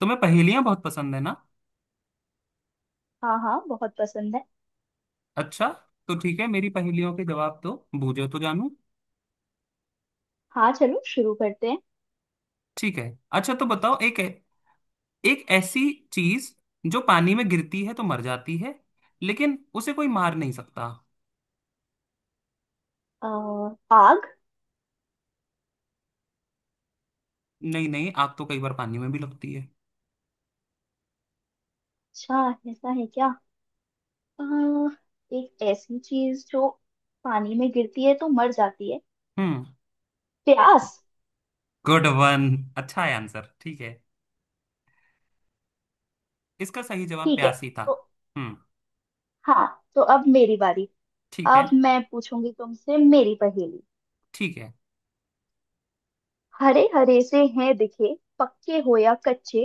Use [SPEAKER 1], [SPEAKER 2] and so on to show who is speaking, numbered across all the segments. [SPEAKER 1] तुम्हें पहेलियां बहुत पसंद है ना।
[SPEAKER 2] हाँ हाँ, बहुत पसंद है।
[SPEAKER 1] अच्छा। तो ठीक है, मेरी पहेलियों के जवाब तो बूझो तो जानू।
[SPEAKER 2] हाँ चलो शुरू करते हैं।
[SPEAKER 1] ठीक है। अच्छा तो बताओ, एक एक ऐसी चीज जो पानी में गिरती है तो मर जाती है, लेकिन उसे कोई मार नहीं सकता।
[SPEAKER 2] अ, आग।
[SPEAKER 1] नहीं नहीं, आग तो कई बार पानी में भी लगती है।
[SPEAKER 2] अच्छा, ऐसा है क्या? अ, एक ऐसी चीज जो पानी में गिरती है तो मर जाती है।
[SPEAKER 1] हम्म।
[SPEAKER 2] प्यास।
[SPEAKER 1] गुड वन, अच्छा है आंसर, ठीक है। इसका सही जवाब
[SPEAKER 2] ठीक है।
[SPEAKER 1] प्यासी था।
[SPEAKER 2] तो
[SPEAKER 1] हम्म।
[SPEAKER 2] हाँ, तो अब मेरी बारी।
[SPEAKER 1] ठीक है
[SPEAKER 2] अब मैं पूछूंगी तुमसे मेरी पहेली।
[SPEAKER 1] ठीक है।
[SPEAKER 2] हरे हरे से हैं दिखे, पक्के हो या कच्चे,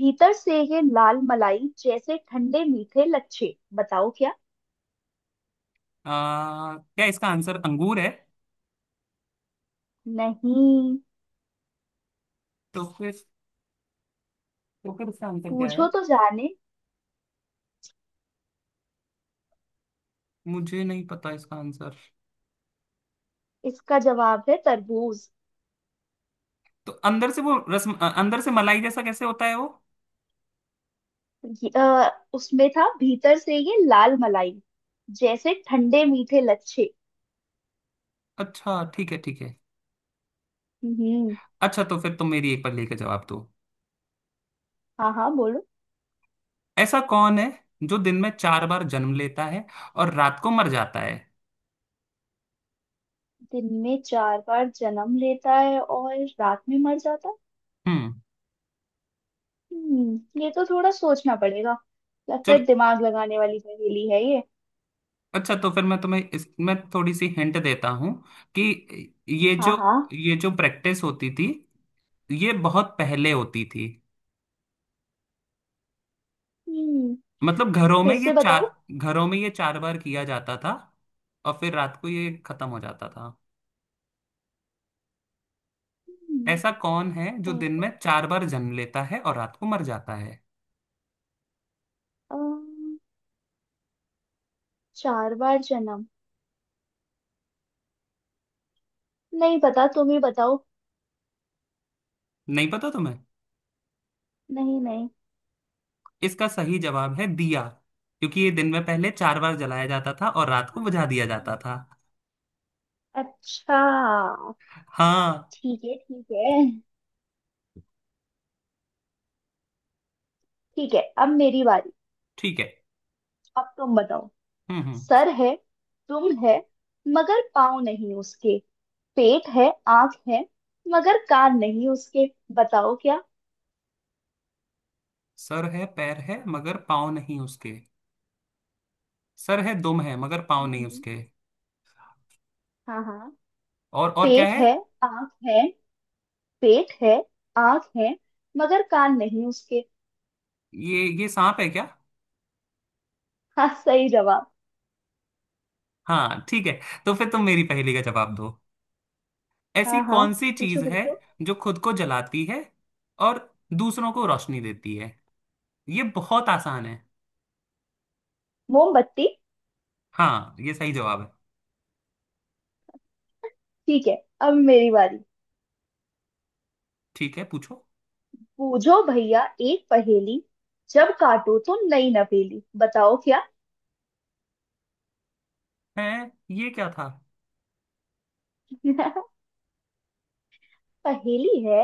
[SPEAKER 2] भीतर से ये लाल मलाई जैसे ठंडे मीठे लच्छे, बताओ क्या।
[SPEAKER 1] क्या इसका आंसर अंगूर है?
[SPEAKER 2] नहीं।
[SPEAKER 1] तो फिर तो फिर इसका आंसर क्या
[SPEAKER 2] पूछो
[SPEAKER 1] है?
[SPEAKER 2] तो जाने।
[SPEAKER 1] मुझे नहीं पता इसका आंसर।
[SPEAKER 2] इसका जवाब है तरबूज।
[SPEAKER 1] तो अंदर से वो रस, अंदर से मलाई जैसा कैसे होता है वो?
[SPEAKER 2] उसमें था, भीतर से ये लाल मलाई जैसे ठंडे मीठे लच्छे।
[SPEAKER 1] अच्छा ठीक है ठीक है।
[SPEAKER 2] हम्म।
[SPEAKER 1] अच्छा तो फिर तुम मेरी एक पहेली का जवाब दो।
[SPEAKER 2] हाँ हाँ बोलो।
[SPEAKER 1] ऐसा कौन है जो दिन में चार बार जन्म लेता है और रात को मर जाता है?
[SPEAKER 2] दिन में चार बार जन्म लेता है और रात में मर जाता है।
[SPEAKER 1] हम्म।
[SPEAKER 2] हम्म, ये तो थोड़ा सोचना पड़ेगा। लगता है
[SPEAKER 1] चल,
[SPEAKER 2] दिमाग लगाने वाली पहेली है ये।
[SPEAKER 1] अच्छा तो फिर मैं तुम्हें इसमें थोड़ी सी हिंट देता हूँ कि ये
[SPEAKER 2] हाँ
[SPEAKER 1] जो
[SPEAKER 2] हाँ।
[SPEAKER 1] ये जो प्रैक्टिस होती थी, ये बहुत पहले होती थी।
[SPEAKER 2] हम्म।
[SPEAKER 1] मतलब घरों में
[SPEAKER 2] फिर
[SPEAKER 1] ये
[SPEAKER 2] से बताओ।
[SPEAKER 1] चार घरों में ये चार बार किया जाता था और फिर रात को ये खत्म हो जाता था। ऐसा
[SPEAKER 2] हम्म।
[SPEAKER 1] कौन है जो दिन
[SPEAKER 2] ऐसे
[SPEAKER 1] में चार बार जन्म लेता है और रात को मर जाता है?
[SPEAKER 2] अम, चार बार जन्म, नहीं पता, तुम ही बताओ।
[SPEAKER 1] नहीं पता तुम्हें?
[SPEAKER 2] नहीं नहीं।
[SPEAKER 1] इसका सही जवाब है दिया, क्योंकि ये दिन में पहले चार बार जलाया जाता था और रात को बुझा दिया जाता था।
[SPEAKER 2] अच्छा।
[SPEAKER 1] हाँ।
[SPEAKER 2] ठीक है ठीक है। ठीक है अब मेरी बारी।
[SPEAKER 1] ठीक है।
[SPEAKER 2] अब तुम बताओ।
[SPEAKER 1] हम्म।
[SPEAKER 2] सर है, तुम है मगर पाँव नहीं उसके, पेट है, आंख है मगर कान नहीं उसके, बताओ क्या।
[SPEAKER 1] सर है, पैर है, मगर पाँव नहीं उसके। सर है, दुम है, मगर पाँव नहीं
[SPEAKER 2] हम्म।
[SPEAKER 1] उसके।
[SPEAKER 2] हाँ हाँ।
[SPEAKER 1] और क्या
[SPEAKER 2] पेट
[SPEAKER 1] है?
[SPEAKER 2] है, आंख है, पेट है, आंख है मगर कान नहीं उसके।
[SPEAKER 1] ये सांप है क्या?
[SPEAKER 2] हाँ सही जवाब।
[SPEAKER 1] हाँ ठीक है। तो फिर तुम मेरी पहेली का जवाब दो। ऐसी
[SPEAKER 2] हाँ हाँ,
[SPEAKER 1] कौन सी
[SPEAKER 2] पूछो
[SPEAKER 1] चीज है
[SPEAKER 2] पूछो।
[SPEAKER 1] जो खुद को जलाती है और दूसरों को रोशनी देती है? ये बहुत आसान है।
[SPEAKER 2] मोमबत्ती।
[SPEAKER 1] हाँ ये सही जवाब है।
[SPEAKER 2] ठीक है अब मेरी बारी।
[SPEAKER 1] ठीक है पूछो।
[SPEAKER 2] पूछो भैया एक पहेली, जब काटो तो नई नवेली, बताओ क्या।
[SPEAKER 1] है? ये क्या था?
[SPEAKER 2] पहेली है।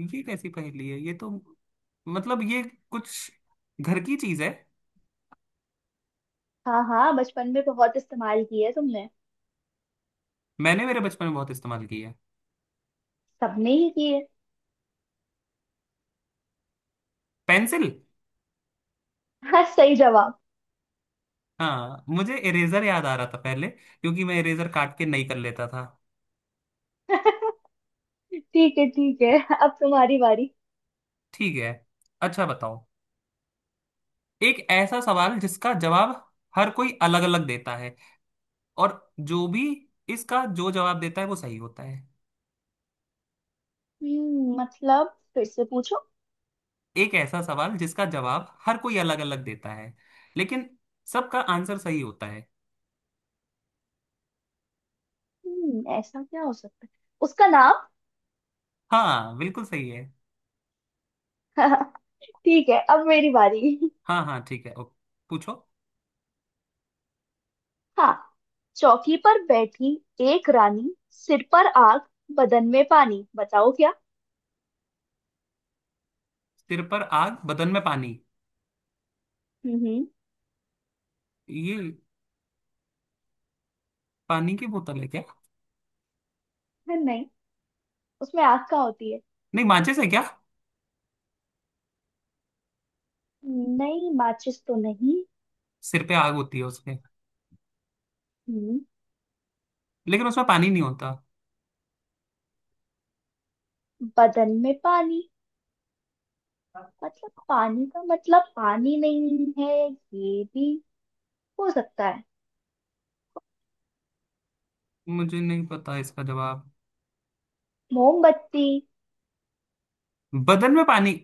[SPEAKER 1] ये कैसी पहेली है ये तो! मतलब ये कुछ घर की चीज है।
[SPEAKER 2] हाँ हाँ, बचपन में बहुत इस्तेमाल किए है तुमने।
[SPEAKER 1] मैंने मेरे बचपन में बहुत इस्तेमाल की है।
[SPEAKER 2] सबने ही किए।
[SPEAKER 1] पेंसिल।
[SPEAKER 2] हाँ सही जवाब।
[SPEAKER 1] हाँ, मुझे इरेजर याद आ रहा था पहले, क्योंकि मैं इरेजर काट के नहीं कर लेता था।
[SPEAKER 2] ठीक है ठीक है, अब तुम्हारी बारी।
[SPEAKER 1] ठीक है। अच्छा बताओ, एक ऐसा सवाल जिसका जवाब हर कोई अलग अलग देता है, और जो भी इसका जो जवाब देता है वो सही होता है।
[SPEAKER 2] हम्म, मतलब फिर से पूछो।
[SPEAKER 1] एक ऐसा सवाल जिसका जवाब हर कोई अलग अलग देता है, लेकिन सबका आंसर सही होता है।
[SPEAKER 2] हम्म, ऐसा क्या हो सकता है? उसका नाम।
[SPEAKER 1] हाँ बिल्कुल सही है।
[SPEAKER 2] ठीक है अब मेरी बारी।
[SPEAKER 1] हाँ हाँ ठीक है, ओके पूछो।
[SPEAKER 2] हाँ। चौकी पर बैठी एक रानी, सिर पर आग, बदन में पानी, बताओ क्या।
[SPEAKER 1] सिर पर आग, बदन में पानी।
[SPEAKER 2] हम्म।
[SPEAKER 1] ये पानी की बोतल है क्या?
[SPEAKER 2] नहीं, उसमें आग का होती है।
[SPEAKER 1] नहीं माचिस है क्या?
[SPEAKER 2] नहीं, माचिस तो नहीं।
[SPEAKER 1] सिर पे आग होती है उसमें,
[SPEAKER 2] हम्म।
[SPEAKER 1] लेकिन उसमें पानी नहीं होता।
[SPEAKER 2] बदन में पानी, मतलब पानी का मतलब पानी नहीं है, ये भी हो सकता है।
[SPEAKER 1] मुझे नहीं पता इसका जवाब।
[SPEAKER 2] मोमबत्ती।
[SPEAKER 1] बदन में पानी?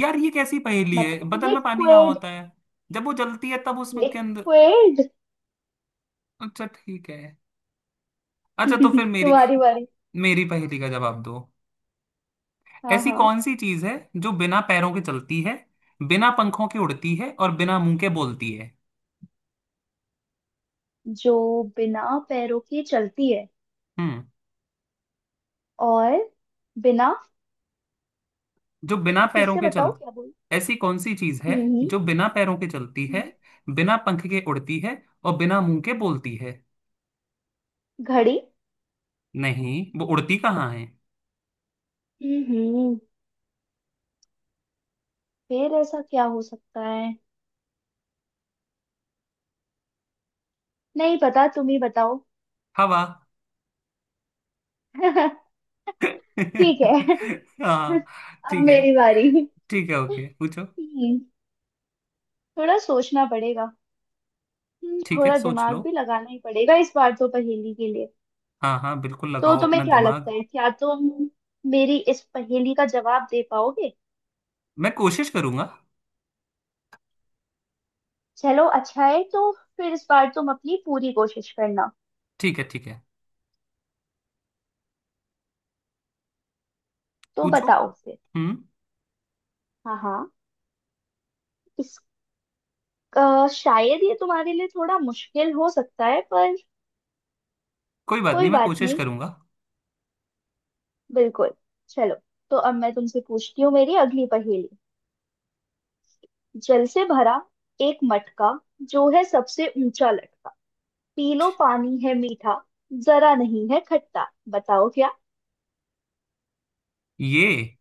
[SPEAKER 1] यार ये कैसी पहेली है,
[SPEAKER 2] मतलब
[SPEAKER 1] बदन में पानी कहाँ
[SPEAKER 2] लिक्विड।
[SPEAKER 1] होता है? जब वो जलती है तब उसमें के अंदर।
[SPEAKER 2] लिक्विड।
[SPEAKER 1] अच्छा ठीक है। अच्छा तो फिर मेरी,
[SPEAKER 2] तुम्हारी बारी।
[SPEAKER 1] मेरी पहेली का जवाब दो।
[SPEAKER 2] हाँ
[SPEAKER 1] ऐसी
[SPEAKER 2] हाँ।
[SPEAKER 1] कौन सी चीज है जो बिना पैरों के चलती है, बिना पंखों के उड़ती है और बिना मुंह के बोलती है?
[SPEAKER 2] जो बिना पैरों के चलती है
[SPEAKER 1] हम्म।
[SPEAKER 2] और बिना,
[SPEAKER 1] जो बिना
[SPEAKER 2] फिर
[SPEAKER 1] पैरों
[SPEAKER 2] से
[SPEAKER 1] के
[SPEAKER 2] बताओ
[SPEAKER 1] चल,
[SPEAKER 2] क्या बोल।
[SPEAKER 1] ऐसी कौन सी चीज है
[SPEAKER 2] हम्म।
[SPEAKER 1] जो बिना पैरों के चलती है,
[SPEAKER 2] हम्म।
[SPEAKER 1] बिना पंख के उड़ती है और बिना मुंह के बोलती है?
[SPEAKER 2] घड़ी।
[SPEAKER 1] नहीं, वो उड़ती कहाँ है?
[SPEAKER 2] हम्म हम्म, फिर ऐसा क्या हो सकता है? नहीं पता, तुम ही बताओ।
[SPEAKER 1] हवा।
[SPEAKER 2] ठीक है।
[SPEAKER 1] हाँ।
[SPEAKER 2] अब
[SPEAKER 1] ठीक है
[SPEAKER 2] मेरी बारी।
[SPEAKER 1] ठीक है, ओके पूछो।
[SPEAKER 2] हम्म, थोड़ा सोचना पड़ेगा।
[SPEAKER 1] ठीक है
[SPEAKER 2] थोड़ा
[SPEAKER 1] सोच
[SPEAKER 2] दिमाग
[SPEAKER 1] लो।
[SPEAKER 2] भी लगाना ही पड़ेगा इस बार तो पहेली के लिए।
[SPEAKER 1] हाँ हाँ बिल्कुल
[SPEAKER 2] तो
[SPEAKER 1] लगाओ
[SPEAKER 2] तुम्हें
[SPEAKER 1] अपना
[SPEAKER 2] क्या लगता
[SPEAKER 1] दिमाग।
[SPEAKER 2] है, क्या तुम मेरी इस पहेली का जवाब दे पाओगे?
[SPEAKER 1] मैं कोशिश करूंगा।
[SPEAKER 2] चलो अच्छा है तो फिर इस बार तुम अपनी पूरी कोशिश करना।
[SPEAKER 1] ठीक है
[SPEAKER 2] तो
[SPEAKER 1] पूछो।
[SPEAKER 2] बताओ फिर।
[SPEAKER 1] हम्म।
[SPEAKER 2] हाँ हाँ। इस शायद ये तुम्हारे लिए थोड़ा मुश्किल हो सकता है पर
[SPEAKER 1] कोई बात
[SPEAKER 2] कोई
[SPEAKER 1] नहीं, मैं
[SPEAKER 2] बात
[SPEAKER 1] कोशिश
[SPEAKER 2] नहीं।
[SPEAKER 1] करूंगा।
[SPEAKER 2] बिल्कुल। चलो, तो अब मैं तुमसे पूछती हूँ मेरी अगली पहेली। जल से भरा एक मटका, जो है सबसे ऊंचा लटका, पी लो पानी है मीठा, जरा नहीं है खट्टा, बताओ क्या।
[SPEAKER 1] ये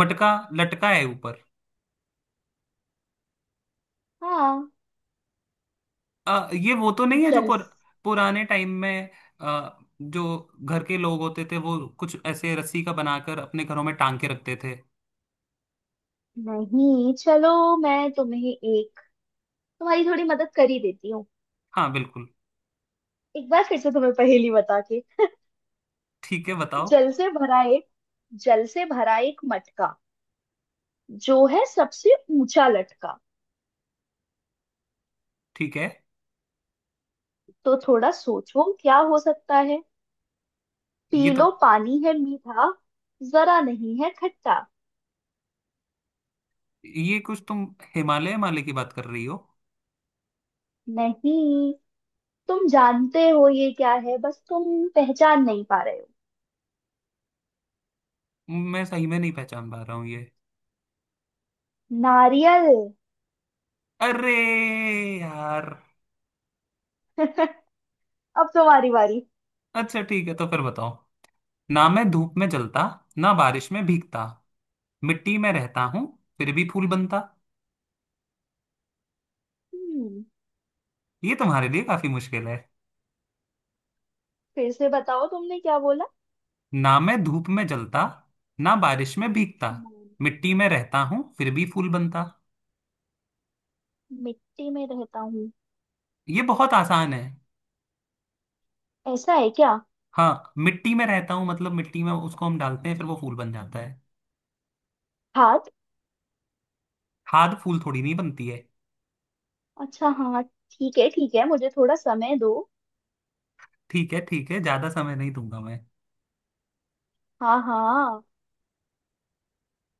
[SPEAKER 1] मटका लटका है ऊपर।
[SPEAKER 2] हाँ।
[SPEAKER 1] ये वो तो नहीं है जो
[SPEAKER 2] चल।
[SPEAKER 1] पुराने टाइम में, जो घर के लोग होते थे वो कुछ ऐसे रस्सी का बनाकर अपने घरों में टांग के रखते थे?
[SPEAKER 2] नहीं, चलो मैं तुम्हें एक, तुम्हारी थोड़ी मदद कर ही देती हूँ।
[SPEAKER 1] हाँ बिल्कुल।
[SPEAKER 2] एक बार फिर से तुम्हें पहेली बता के।
[SPEAKER 1] ठीक है बताओ।
[SPEAKER 2] जल से भरा एक जल से भरा एक मटका, जो है सबसे ऊंचा लटका।
[SPEAKER 1] ठीक है।
[SPEAKER 2] तो थोड़ा सोचो क्या हो सकता है।
[SPEAKER 1] ये
[SPEAKER 2] पी
[SPEAKER 1] तो,
[SPEAKER 2] लो पानी है मीठा, जरा नहीं है खट्टा।
[SPEAKER 1] ये कुछ तुम हिमालय हिमालय की बात कर रही हो?
[SPEAKER 2] नहीं। तुम जानते हो ये क्या है, बस तुम पहचान नहीं पा रहे हो।
[SPEAKER 1] मैं सही में नहीं पहचान पा रहा हूँ ये।
[SPEAKER 2] नारियल।
[SPEAKER 1] अरे यार!
[SPEAKER 2] अब तुम्हारी बारी।
[SPEAKER 1] अच्छा ठीक है तो फिर बताओ। ना मैं धूप में जलता, ना बारिश में भीगता, मिट्टी में रहता हूँ, फिर भी फूल बनता।
[SPEAKER 2] हम्म।
[SPEAKER 1] ये तुम्हारे लिए काफी मुश्किल है।
[SPEAKER 2] फिर से बताओ तुमने क्या बोला।
[SPEAKER 1] ना मैं धूप में जलता, ना बारिश में भीगता,
[SPEAKER 2] मैं,
[SPEAKER 1] मिट्टी में रहता हूँ, फिर भी फूल बनता।
[SPEAKER 2] मिट्टी में रहता हूँ।
[SPEAKER 1] ये बहुत आसान है।
[SPEAKER 2] ऐसा है क्या?
[SPEAKER 1] हाँ, मिट्टी में रहता हूँ मतलब मिट्टी में उसको हम डालते हैं, फिर वो फूल बन जाता है।
[SPEAKER 2] हाथ।
[SPEAKER 1] खाद फूल थोड़ी नहीं बनती है।
[SPEAKER 2] अच्छा हाँ। ठीक है ठीक है, मुझे थोड़ा समय दो।
[SPEAKER 1] ठीक है ठीक है, ज्यादा समय नहीं दूंगा मैं।
[SPEAKER 2] हाँ हाँ।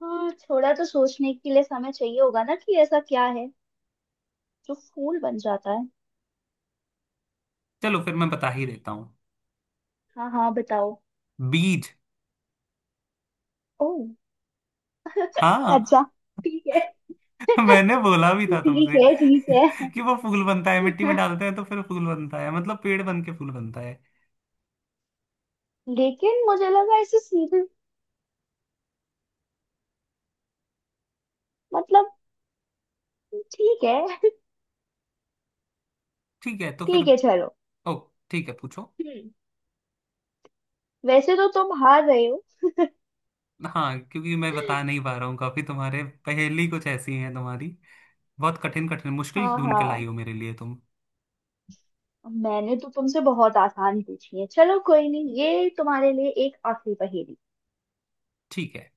[SPEAKER 2] हाँ, थोड़ा तो सोचने के लिए समय चाहिए होगा ना कि ऐसा क्या है जो फूल बन जाता है।
[SPEAKER 1] चलो फिर मैं बता ही देता हूँ।
[SPEAKER 2] हाँ हाँ बताओ।
[SPEAKER 1] बीज।
[SPEAKER 2] ओह।
[SPEAKER 1] हाँ।
[SPEAKER 2] अच्छा। ठीक है।
[SPEAKER 1] मैंने बोला भी था
[SPEAKER 2] ठीक
[SPEAKER 1] तुमसे
[SPEAKER 2] है ठीक
[SPEAKER 1] कि वो फूल बनता है, मिट्टी में
[SPEAKER 2] है।
[SPEAKER 1] डालते हैं तो फिर फूल बनता है, मतलब पेड़ बन के फूल बनता है।
[SPEAKER 2] लेकिन मुझे लगा ऐसे सीधे मतलब, ठीक है।
[SPEAKER 1] ठीक है तो फिर।
[SPEAKER 2] ठीक है चलो।
[SPEAKER 1] ओ ठीक है पूछो।
[SPEAKER 2] हम्म। वैसे तो तुम हार रहे हो।
[SPEAKER 1] हाँ, क्योंकि मैं बता नहीं पा रहा हूँ काफी, तुम्हारे पहेली कुछ ऐसी हैं तुम्हारी, बहुत कठिन कठिन मुश्किल
[SPEAKER 2] हाँ
[SPEAKER 1] ढूंढ कर लाई
[SPEAKER 2] हाँ।
[SPEAKER 1] हो मेरे लिए तुम।
[SPEAKER 2] मैंने तो तुमसे बहुत आसान पूछी है, चलो कोई नहीं, ये तुम्हारे लिए एक आखिरी पहेली।
[SPEAKER 1] ठीक है।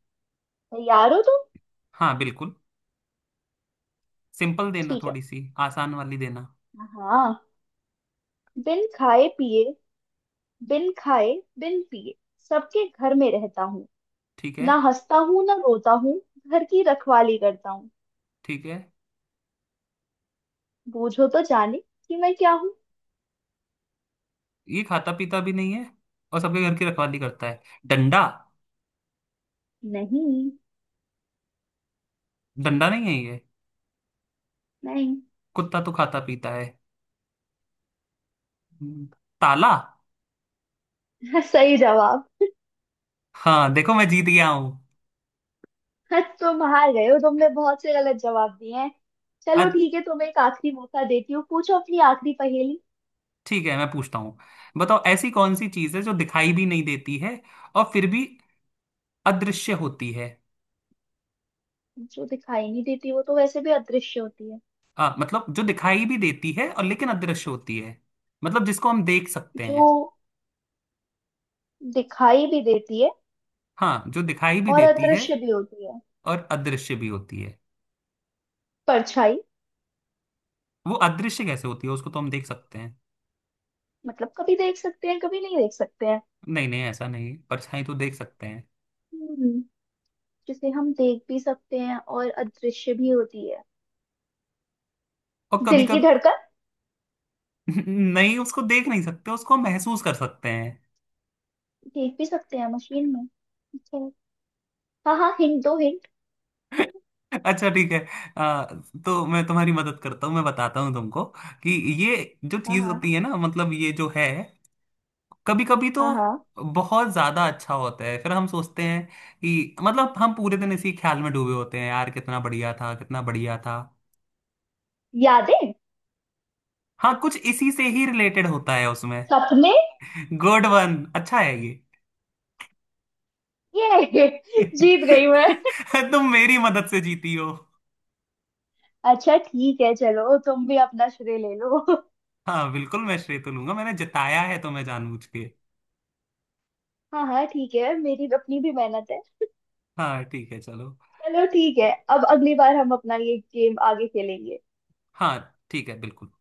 [SPEAKER 2] तैयार हो तुम?
[SPEAKER 1] हाँ बिल्कुल। सिंपल देना,
[SPEAKER 2] ठीक है।
[SPEAKER 1] थोड़ी सी आसान वाली देना।
[SPEAKER 2] हाँ। बिन खाए पिए, बिन खाए, बिन पिए, सबके घर में रहता हूँ,
[SPEAKER 1] ठीक है।
[SPEAKER 2] ना हंसता हूँ ना रोता हूँ, घर की रखवाली करता हूँ।
[SPEAKER 1] ठीक है।
[SPEAKER 2] बूझो तो जाने कि मैं क्या हूँ।
[SPEAKER 1] ये खाता पीता भी नहीं है और सबके घर की रखवाली करता है। डंडा।
[SPEAKER 2] नहीं।
[SPEAKER 1] डंडा नहीं है ये?
[SPEAKER 2] नहीं।
[SPEAKER 1] कुत्ता तो खाता पीता है। हम्म, ताला।
[SPEAKER 2] सही जवाब।
[SPEAKER 1] हाँ देखो मैं जीत गया हूँ।
[SPEAKER 2] आज तुम हार गए हो, तुमने बहुत से गलत जवाब दिए हैं। चलो
[SPEAKER 1] अच्छा
[SPEAKER 2] ठीक है, तुम्हें एक आखिरी मौका देती हूँ, पूछो अपनी आखिरी पहेली।
[SPEAKER 1] ठीक है, मैं पूछता हूँ। बताओ ऐसी कौन सी चीज़ है जो दिखाई भी नहीं देती है और फिर भी अदृश्य होती है?
[SPEAKER 2] जो दिखाई नहीं देती वो तो वैसे भी अदृश्य होती है।
[SPEAKER 1] हाँ, मतलब जो दिखाई भी देती है और लेकिन अदृश्य होती है। मतलब जिसको हम देख सकते
[SPEAKER 2] जो
[SPEAKER 1] हैं।
[SPEAKER 2] दिखाई भी देती है
[SPEAKER 1] हाँ, जो दिखाई भी
[SPEAKER 2] और
[SPEAKER 1] देती है
[SPEAKER 2] अदृश्य भी होती है।
[SPEAKER 1] और अदृश्य भी होती है।
[SPEAKER 2] परछाई।
[SPEAKER 1] वो अदृश्य कैसे होती है, उसको तो हम देख सकते हैं।
[SPEAKER 2] मतलब कभी देख सकते हैं कभी नहीं देख सकते हैं।
[SPEAKER 1] नहीं नहीं ऐसा नहीं, परछाई तो देख सकते हैं।
[SPEAKER 2] हम्म। जिसे हम देख भी सकते हैं और अदृश्य भी होती है।
[SPEAKER 1] और कभी
[SPEAKER 2] दिल की
[SPEAKER 1] कभी।
[SPEAKER 2] धड़कन।
[SPEAKER 1] नहीं, उसको देख नहीं सकते, उसको हम महसूस कर सकते हैं।
[SPEAKER 2] देख भी सकते हैं मशीन में। अच्छा। हाँ हाँ, हिंट दो हिंट।
[SPEAKER 1] अच्छा ठीक है। आ, तो मैं तुम्हारी मदद करता हूँ, मैं बताता हूँ तुमको कि ये जो
[SPEAKER 2] हाँ
[SPEAKER 1] चीज
[SPEAKER 2] हाँ।
[SPEAKER 1] होती है ना, मतलब ये जो है, कभी कभी तो
[SPEAKER 2] हाँ हाँ।
[SPEAKER 1] बहुत ज्यादा अच्छा होता है, फिर हम सोचते हैं कि मतलब हम पूरे दिन इसी ख्याल में डूबे होते हैं, यार कितना बढ़िया था, कितना बढ़िया था।
[SPEAKER 2] यादें।
[SPEAKER 1] हाँ, कुछ इसी से ही रिलेटेड होता है उसमें।
[SPEAKER 2] सपने।
[SPEAKER 1] गुड वन, अच्छा है ये।
[SPEAKER 2] ये। जीत गई मैं।
[SPEAKER 1] तुम मेरी मदद से जीती हो।
[SPEAKER 2] अच्छा ठीक है, चलो तुम भी अपना श्रेय ले लो।
[SPEAKER 1] हाँ बिल्कुल, मैं श्रेय तो लूंगा, मैंने जिताया है तुम्हें जानबूझ के।
[SPEAKER 2] हाँ हाँ ठीक है, मेरी अपनी भी मेहनत है।
[SPEAKER 1] हाँ ठीक है चलो।
[SPEAKER 2] चलो ठीक है, अब अगली बार हम अपना ये गेम आगे खेलेंगे।
[SPEAKER 1] हाँ ठीक है बिल्कुल।